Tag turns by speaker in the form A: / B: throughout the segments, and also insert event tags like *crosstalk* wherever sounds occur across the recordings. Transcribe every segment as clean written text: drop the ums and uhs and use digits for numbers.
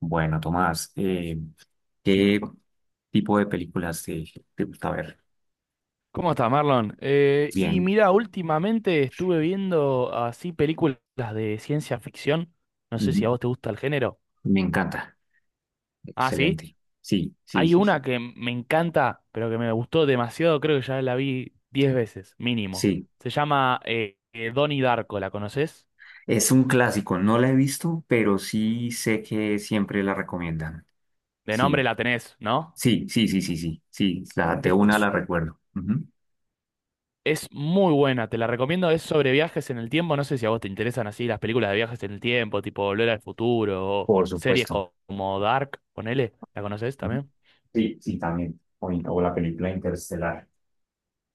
A: Bueno, Tomás, ¿qué tipo de películas te gusta ver?
B: ¿Cómo estás, Marlon? Y
A: Bien,
B: mira, últimamente estuve viendo así películas de ciencia ficción. No sé
A: ujú.
B: si a vos te gusta el género.
A: Me encanta.
B: Ah, sí.
A: Excelente. Sí, sí,
B: Hay
A: sí,
B: una
A: sí.
B: que me encanta, pero que me gustó demasiado. Creo que ya la vi 10 veces, mínimo.
A: Sí,
B: Se llama Donnie Darko, ¿la conoces?
A: es un clásico. No la he visto, pero sí sé que siempre la recomiendan.
B: De nombre
A: Sí,
B: la tenés, ¿no?
A: sí, sí, sí, sí, sí. Sí, la, de una
B: Es
A: la recuerdo. Ujú.
B: Es muy buena, te la recomiendo. Es sobre viajes en el tiempo. No sé si a vos te interesan así las películas de viajes en el tiempo, tipo Volver al Futuro o
A: Por
B: series
A: supuesto.
B: como Dark, ponele. ¿La conoces
A: Ujú.
B: también?
A: Sí, sí, también. O la película Interestelar.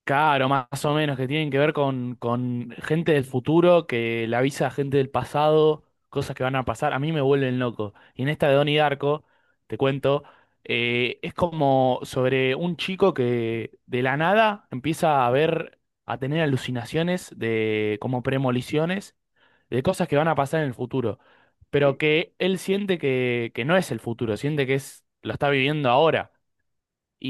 B: Claro, más o menos, que tienen que ver con gente del futuro que le avisa a gente del pasado cosas que van a pasar. A mí me vuelven loco. Y en esta de Donnie Darko, te cuento, es como sobre un chico que de la nada empieza a ver, a tener alucinaciones de como premoniciones de cosas que van a pasar en el futuro, pero
A: Sí.
B: que él siente que no es el futuro, siente que es, lo está viviendo ahora.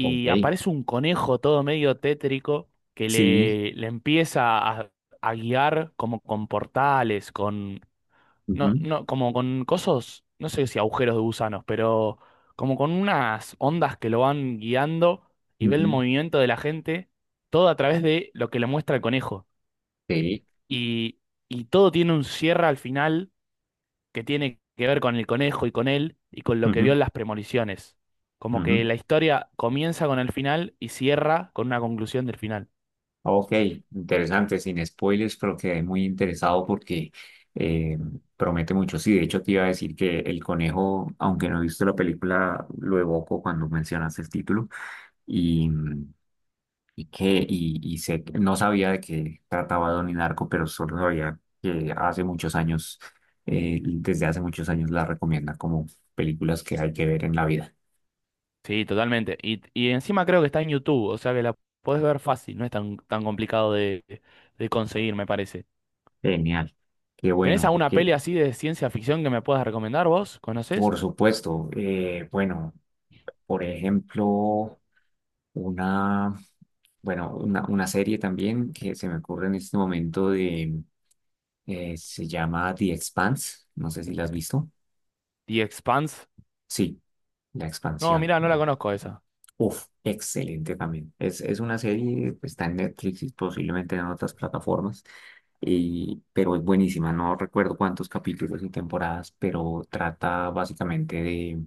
A: Ok.
B: aparece un conejo todo medio tétrico que
A: Sí.
B: le empieza a guiar como con portales, con,
A: Ujú,
B: no, como con cosas, no sé si agujeros de gusanos, pero como con unas ondas que lo van guiando y ve el
A: ujú.
B: movimiento de la gente, todo a través de lo que le muestra el conejo.
A: Sí.
B: Y, y todo tiene un cierre al final que tiene que ver con el conejo y con él y con lo que vio
A: Ujú,
B: en las premoniciones. Como que
A: ujú.
B: la historia comienza con el final y cierra con una conclusión del final.
A: Ok, interesante, sin spoilers, pero quedé muy interesado porque eh, promete mucho. Sí, de hecho te iba a decir que El Conejo, aunque no he visto la película, lo evoco cuando mencionaste el título y, y que y sé no sabía de qué trataba Don Narco, pero solo sabía que hace muchos años, desde hace muchos años la recomienda como películas que hay que ver en la vida.
B: Sí, totalmente. Y encima creo que está en YouTube, o sea que la podés ver fácil, no es tan, tan complicado de conseguir, me parece.
A: Genial, qué
B: ¿Tenés
A: bueno,
B: alguna
A: porque
B: peli así de ciencia ficción que me puedas recomendar vos? ¿Conocés?
A: por supuesto, bueno, por ejemplo. Una, bueno, una serie también que se me ocurre en este momento de, se llama The Expanse. No sé si la has visto.
B: The Expanse.
A: Sí, La
B: No,
A: Expansión,
B: mirá, no la
A: ¿no?
B: conozco esa.
A: Uf, excelente también. Es una serie, pues, está en Netflix y posiblemente en otras plataformas, y, pero es buenísima. No recuerdo cuántos capítulos y temporadas, pero trata básicamente de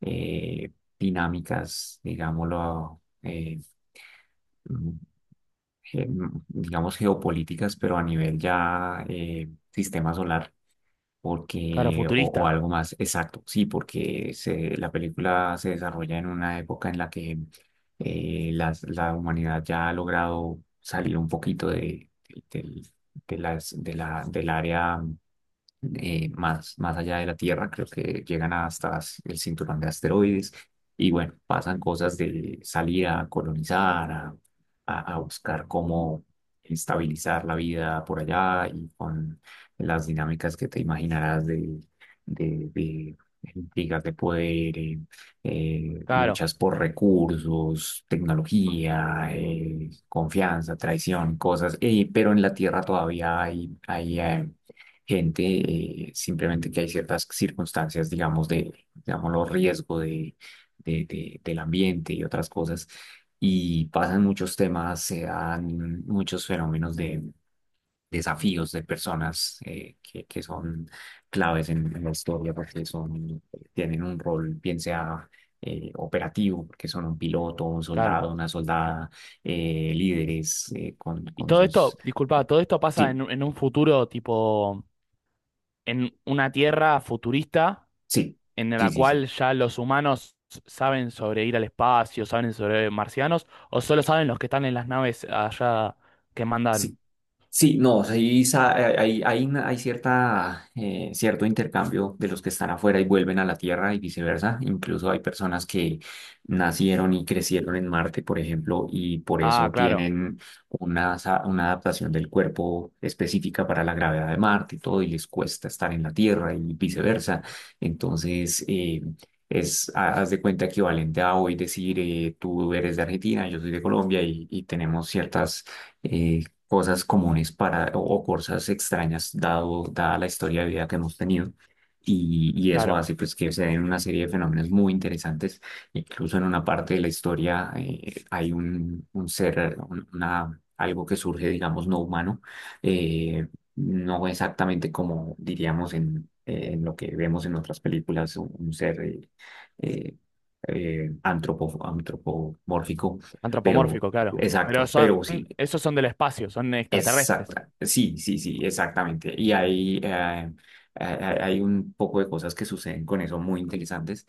A: eh, dinámicas, digámoslo, eh, digamos, geopolíticas, pero a nivel ya sistema solar,
B: Claro,
A: porque, o
B: futurista.
A: algo más exacto, sí, porque se, la película se desarrolla en una época en la que la humanidad ya ha logrado salir un poquito de, del área más, allá de la Tierra, creo que llegan hasta el cinturón de asteroides y bueno, pasan cosas de salir a colonizar, a buscar cómo estabilizar la vida por allá y con las dinámicas que te imaginarás de intrigas de poder,
B: Claro,
A: luchas por recursos, tecnología, confianza, traición, cosas, pero en la Tierra todavía hay, gente, simplemente que hay ciertas circunstancias, digamos, de, los riesgo de, del ambiente y otras cosas, y pasan muchos temas, se dan muchos fenómenos de desafíos de personas que, son claves en la historia porque tienen un rol, bien sea. Operativo, porque son un piloto, un
B: claro.
A: soldado, una soldada, líderes con,
B: Y
A: con
B: todo
A: sus.
B: esto, disculpa, todo esto pasa
A: Sí,
B: en, en un futuro tipo en una tierra futurista
A: sí,
B: en
A: sí,
B: la
A: sí, sí.
B: cual ya los humanos saben sobre ir al espacio, saben sobre marcianos, o solo saben los que están en las naves allá que
A: Sí,
B: mandaron.
A: sí, no, sí, hay cierto intercambio de los que están afuera y vuelven a la Tierra y viceversa. Incluso hay personas que nacieron y crecieron en Marte, por ejemplo, y por
B: Ah,
A: eso
B: claro,
A: tienen una adaptación del cuerpo específica para la gravedad de Marte y todo, y les cuesta estar en la Tierra y viceversa. Entonces, es, haz de cuenta equivalente a hoy decir, tú eres de Argentina, yo soy de Colombia y tenemos ciertas eh, cosas comunes para, o cosas extrañas dada la historia de vida que hemos tenido. Y eso hace
B: claro.
A: pues que se den una serie de fenómenos muy interesantes. Incluso en una parte de la historia hay un ser, algo que surge, digamos, no humano, eh, no exactamente como diríamos en lo que vemos en otras películas, un ser eh, antropomórfico, pero
B: Antropomórfico, claro. Pero
A: exacto,
B: son,
A: pero sí,
B: esos son del espacio, son extraterrestres.
A: exacta, sí, sí, sí, exactamente. Y hay un poco de cosas que suceden con eso muy interesantes,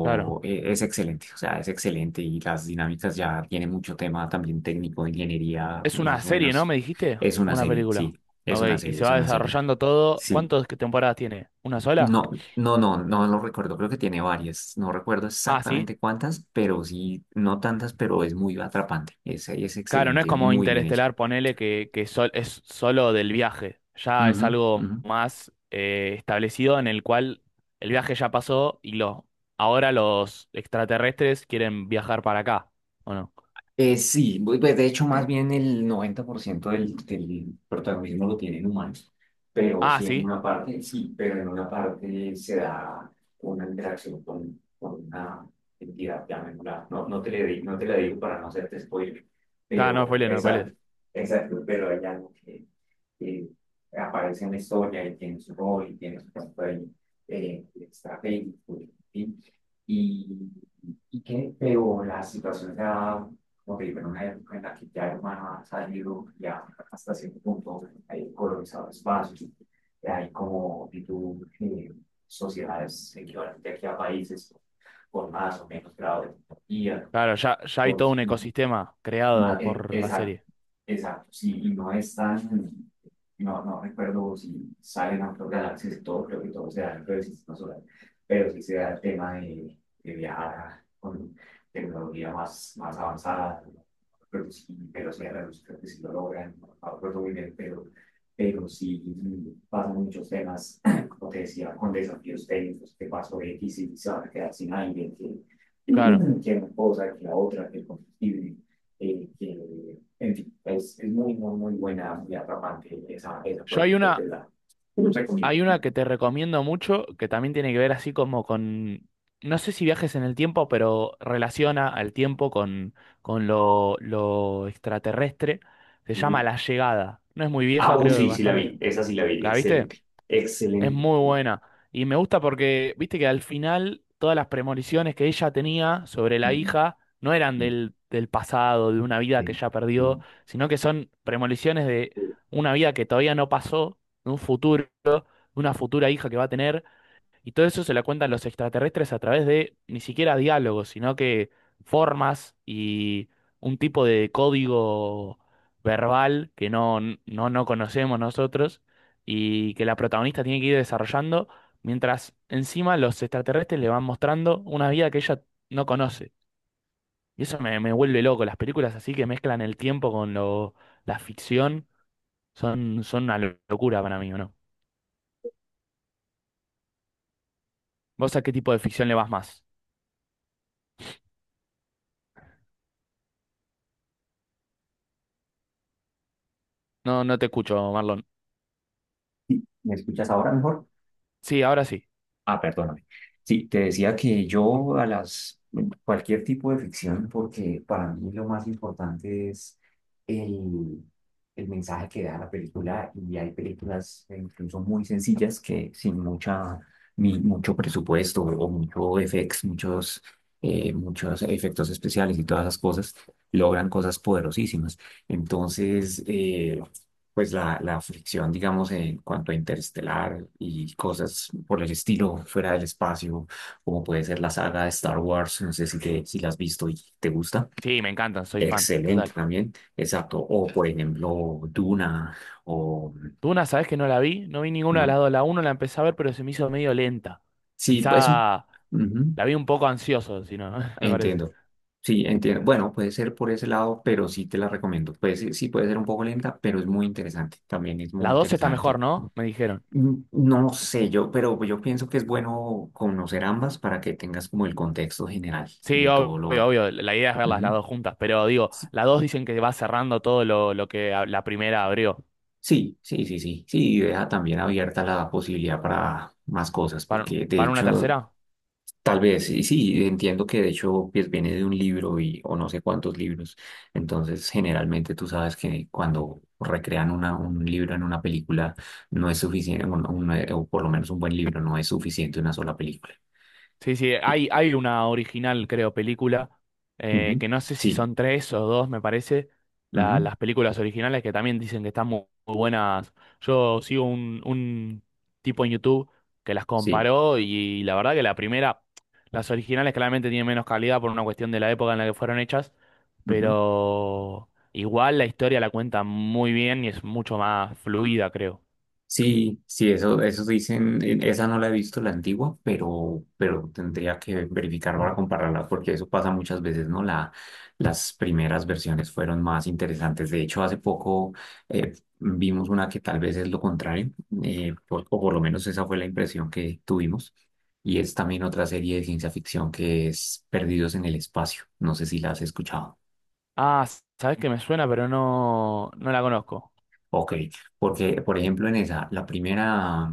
B: Claro.
A: es excelente, o sea, es excelente y las dinámicas ya tiene mucho tema también técnico, ingeniería,
B: Es una
A: más o
B: serie, ¿no?
A: menos.
B: ¿Me dijiste?
A: Es
B: ¿O
A: una
B: una
A: serie,
B: película?
A: sí,
B: Ok, y se
A: es
B: va
A: una serie,
B: desarrollando todo.
A: sí.
B: ¿Cuántas temporadas tiene? ¿Una sola?
A: No, no, no, no lo recuerdo, creo que tiene varias, no recuerdo
B: Ah, sí.
A: exactamente cuántas, pero sí, no tantas, pero es muy atrapante, es
B: Claro, no es
A: excelente,
B: como
A: muy bien hecho.
B: Interestelar, ponele que es solo del viaje. Ya es
A: Ujú,
B: algo
A: ujú.
B: más establecido en el cual el viaje ya pasó y lo, ahora los extraterrestres quieren viajar para acá, ¿o no?
A: Sí, pues de hecho más bien el 90% del protagonismo lo tienen humanos, pero
B: Ah,
A: sí en
B: sí.
A: una parte, sí, pero en una parte se da una interacción con, una entidad, llamémosla, no, no te la digo para no hacerte spoiler,
B: Claro, no
A: pero
B: spoilees, no
A: es algo,
B: spoilees.
A: pero hay algo que aparece en la historia y tiene su rol y tiene su papel estratégico, en fin, y, pero la situación se da como te digo, en una época en la que ya el humano ha salido ya hasta cierto punto, hay colonizado espacios, hay como tipo, sociedades equivalentes aquí a países con más o menos grado de tecnología,
B: Claro, ya, ya hay
A: con
B: todo un ecosistema creado por la
A: Exacto,
B: serie.
A: exacto, sí, y no es tan, no recuerdo si salen otras galaxias y todo, creo que todo se da dentro del sistema solar, pero sí se da el tema de, viajar con tecnología más avanzada, pero sí, velocidad de la luz, creo que sí lo logran, no recuerdo muy bien, pero sí pasan muchos temas, *clears throat* como te decía, con desafíos técnicos, que pasó X y se van a quedar sin aire, que,
B: Claro.
A: *clears throat* que una cosa, que la otra, que el combustible en fin, es muy, muy, muy buena y atrapante esa por
B: Yo hay
A: ejemplo, te
B: una,
A: la recomiendo.
B: Hay una que te recomiendo mucho, que también tiene que ver así como con, no sé si viajes en el tiempo, pero relaciona al tiempo con lo extraterrestre. Se llama
A: Ujú.
B: La Llegada. No es muy vieja,
A: Ah, uy,
B: creo que
A: sí, sí la
B: bastante.
A: vi, esa sí la vi,
B: ¿La viste?
A: excelente,
B: Es
A: excelente.
B: muy buena. Y me gusta porque, viste que al final todas las premoniciones que ella tenía sobre la
A: Mm,
B: hija no eran
A: mm,
B: del, del pasado, de una vida que
A: sí,
B: ya
A: mm.
B: perdió, sino que son premoniciones de una vida que todavía no pasó, de un futuro una futura hija que va a tener, y todo eso se la cuentan los extraterrestres a través de ni siquiera diálogos, sino que formas y un tipo de código verbal que no, no conocemos nosotros y que la protagonista tiene que ir desarrollando, mientras encima los extraterrestres le van mostrando una vida que ella no conoce. Y eso me vuelve loco, las películas así que mezclan el tiempo con lo, la ficción son, son una locura para mí, ¿o no? ¿Vos a qué tipo de ficción le vas más? No, no te escucho, Marlon.
A: ¿Me escuchas ahora mejor?
B: Sí, ahora sí.
A: Ah, perdóname. Sí, te decía que yo a las cualquier tipo de ficción, porque para mí lo más importante es el, el mensaje que da la película, y hay películas incluso muy sencillas que sin mucha, ni mucho presupuesto o mucho FX, muchos efectos especiales y todas esas cosas, logran cosas poderosísimas. Entonces, pues la fricción, digamos, en cuanto a interestelar y cosas por el estilo fuera del espacio, como puede ser la saga de Star Wars, no sé si la has visto y te gusta.
B: Sí, me encantan, soy fan,
A: Excelente
B: total.
A: también, exacto. O por ejemplo, Duna, o
B: Duna, ¿sabes que no la vi? No vi ninguna de
A: no.
B: las dos. La uno la empecé a ver, pero se me hizo medio lenta.
A: Sí, pues un.
B: Quizá
A: Ujú,
B: la vi un poco ansioso, si no, *laughs* me parece.
A: entiendo. Sí, entiendo. Bueno, puede ser por ese lado, pero sí te la recomiendo. Pues sí, sí puede ser un poco lenta, pero es muy interesante. También es muy
B: La dos está mejor,
A: interesante.
B: ¿no? Me dijeron.
A: No sé yo, pero yo pienso que es bueno conocer ambas para que tengas como el contexto general
B: Sí,
A: de
B: obvio,
A: todo lo.
B: obvio. La idea es verlas las
A: Ujú.
B: dos juntas, pero digo,
A: Sí,
B: la dos dicen que va cerrando todo lo que la primera abrió.
A: sí, sí, sí, sí, sí, y deja también abierta la posibilidad para más cosas,
B: ¿Para,
A: porque de
B: para una
A: hecho,
B: tercera?
A: tal vez, sí sí, entiendo que de hecho pues, viene de un libro y, o no sé cuántos libros, entonces generalmente tú sabes que cuando recrean un libro en una película, no es suficiente, o por lo menos un buen libro, no es suficiente una sola película.
B: Sí, sí,
A: Sí.
B: hay una original, creo, película,
A: Ujú.
B: que no sé si
A: Sí.
B: son tres o dos, me parece,
A: Ujú,
B: las películas originales que también dicen que están muy buenas. Yo sigo un tipo en YouTube que las
A: sí,
B: comparó y la verdad que la primera, las originales claramente tienen menos calidad por una cuestión de la época en la que fueron hechas,
A: ujú.
B: pero igual la historia la cuenta muy bien y es mucho más fluida, creo.
A: Sí, sí, eso dicen, esa no la he visto la antigua, pero, tendría que verificar para compararla, porque eso pasa muchas veces, ¿no? Las primeras versiones fueron más interesantes. De hecho, hace poco vimos una que tal vez es lo contrario, o por lo menos esa fue la impresión que tuvimos, y es también otra serie de ciencia ficción que es Perdidos en el Espacio. No sé si la has escuchado.
B: Ah, sabes que me suena, pero no, no la conozco.
A: Ok. Porque, por ejemplo, en esa, la primera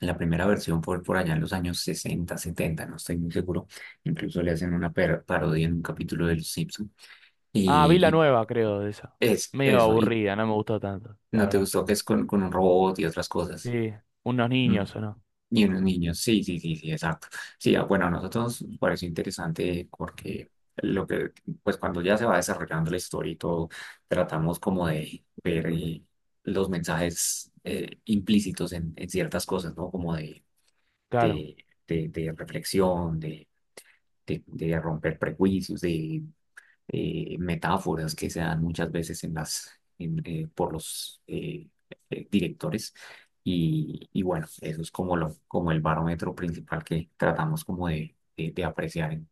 A: La primera versión fue por allá en los años 60 setenta, no estoy muy seguro. Incluso le hacen una parodia en un capítulo de Los Simpson.
B: Ah, vi la
A: Y,
B: nueva, creo, de esa.
A: y es
B: Medio
A: eso, y
B: aburrida, no me gustó tanto, la
A: no te
B: verdad.
A: gustó que es con un robot y otras cosas.
B: Sí, unos
A: Mm.
B: niños, ¿o no?
A: Y unos niños, sí, sí, sí, sí, exacto. Sí, ah, bueno, a nosotros nos pareció interesante porque lo que, pues cuando ya se va desarrollando la historia y todo, tratamos como de ver los mensajes implícitos en ciertas cosas, ¿no? Como
B: Claro.
A: de, de reflexión, de romper prejuicios, de metáforas que se dan muchas veces en las, por los directores. Y bueno, eso es como el barómetro principal que tratamos como de apreciar en,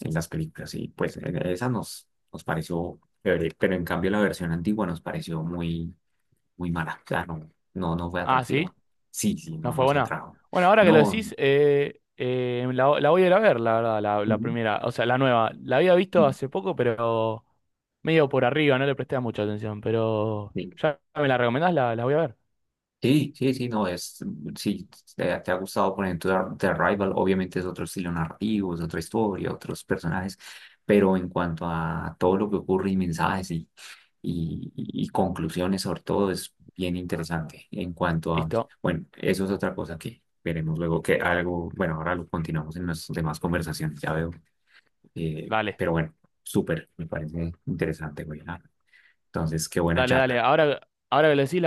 A: en las películas. Y pues en esa nos pareció chévere, pero en cambio la versión antigua nos pareció muy, muy mala. O sea, no, no, no fue
B: Ah,
A: atractiva.
B: ¿sí?
A: Sí, sí,
B: ¿No
A: no
B: fue
A: nos
B: buena?
A: atrajo.
B: Bueno, ahora que lo
A: No,
B: decís, la, la voy a ir a ver, la verdad, la
A: ujú.
B: primera, o sea, la nueva. La había visto hace poco, pero medio por arriba, no le presté mucha atención, pero
A: Sí,
B: ya me la recomendás, la voy a ver.
A: sí, sí, sí, no, sí, te ha gustado, por ejemplo, The Arrival, obviamente es otro estilo narrativo, es otra historia, otros personajes, pero en cuanto a todo lo que ocurre y mensajes y conclusiones sobre todo, es bien interesante. En cuanto a,
B: Listo,
A: bueno, eso es otra cosa que veremos luego, que algo, bueno, ahora lo continuamos en nuestras demás conversaciones, ya veo,
B: dale,
A: pero bueno, súper, me parece interesante, güey, ah, entonces, qué buena
B: dale, dale.
A: charla.
B: Ahora, ahora que lo decís,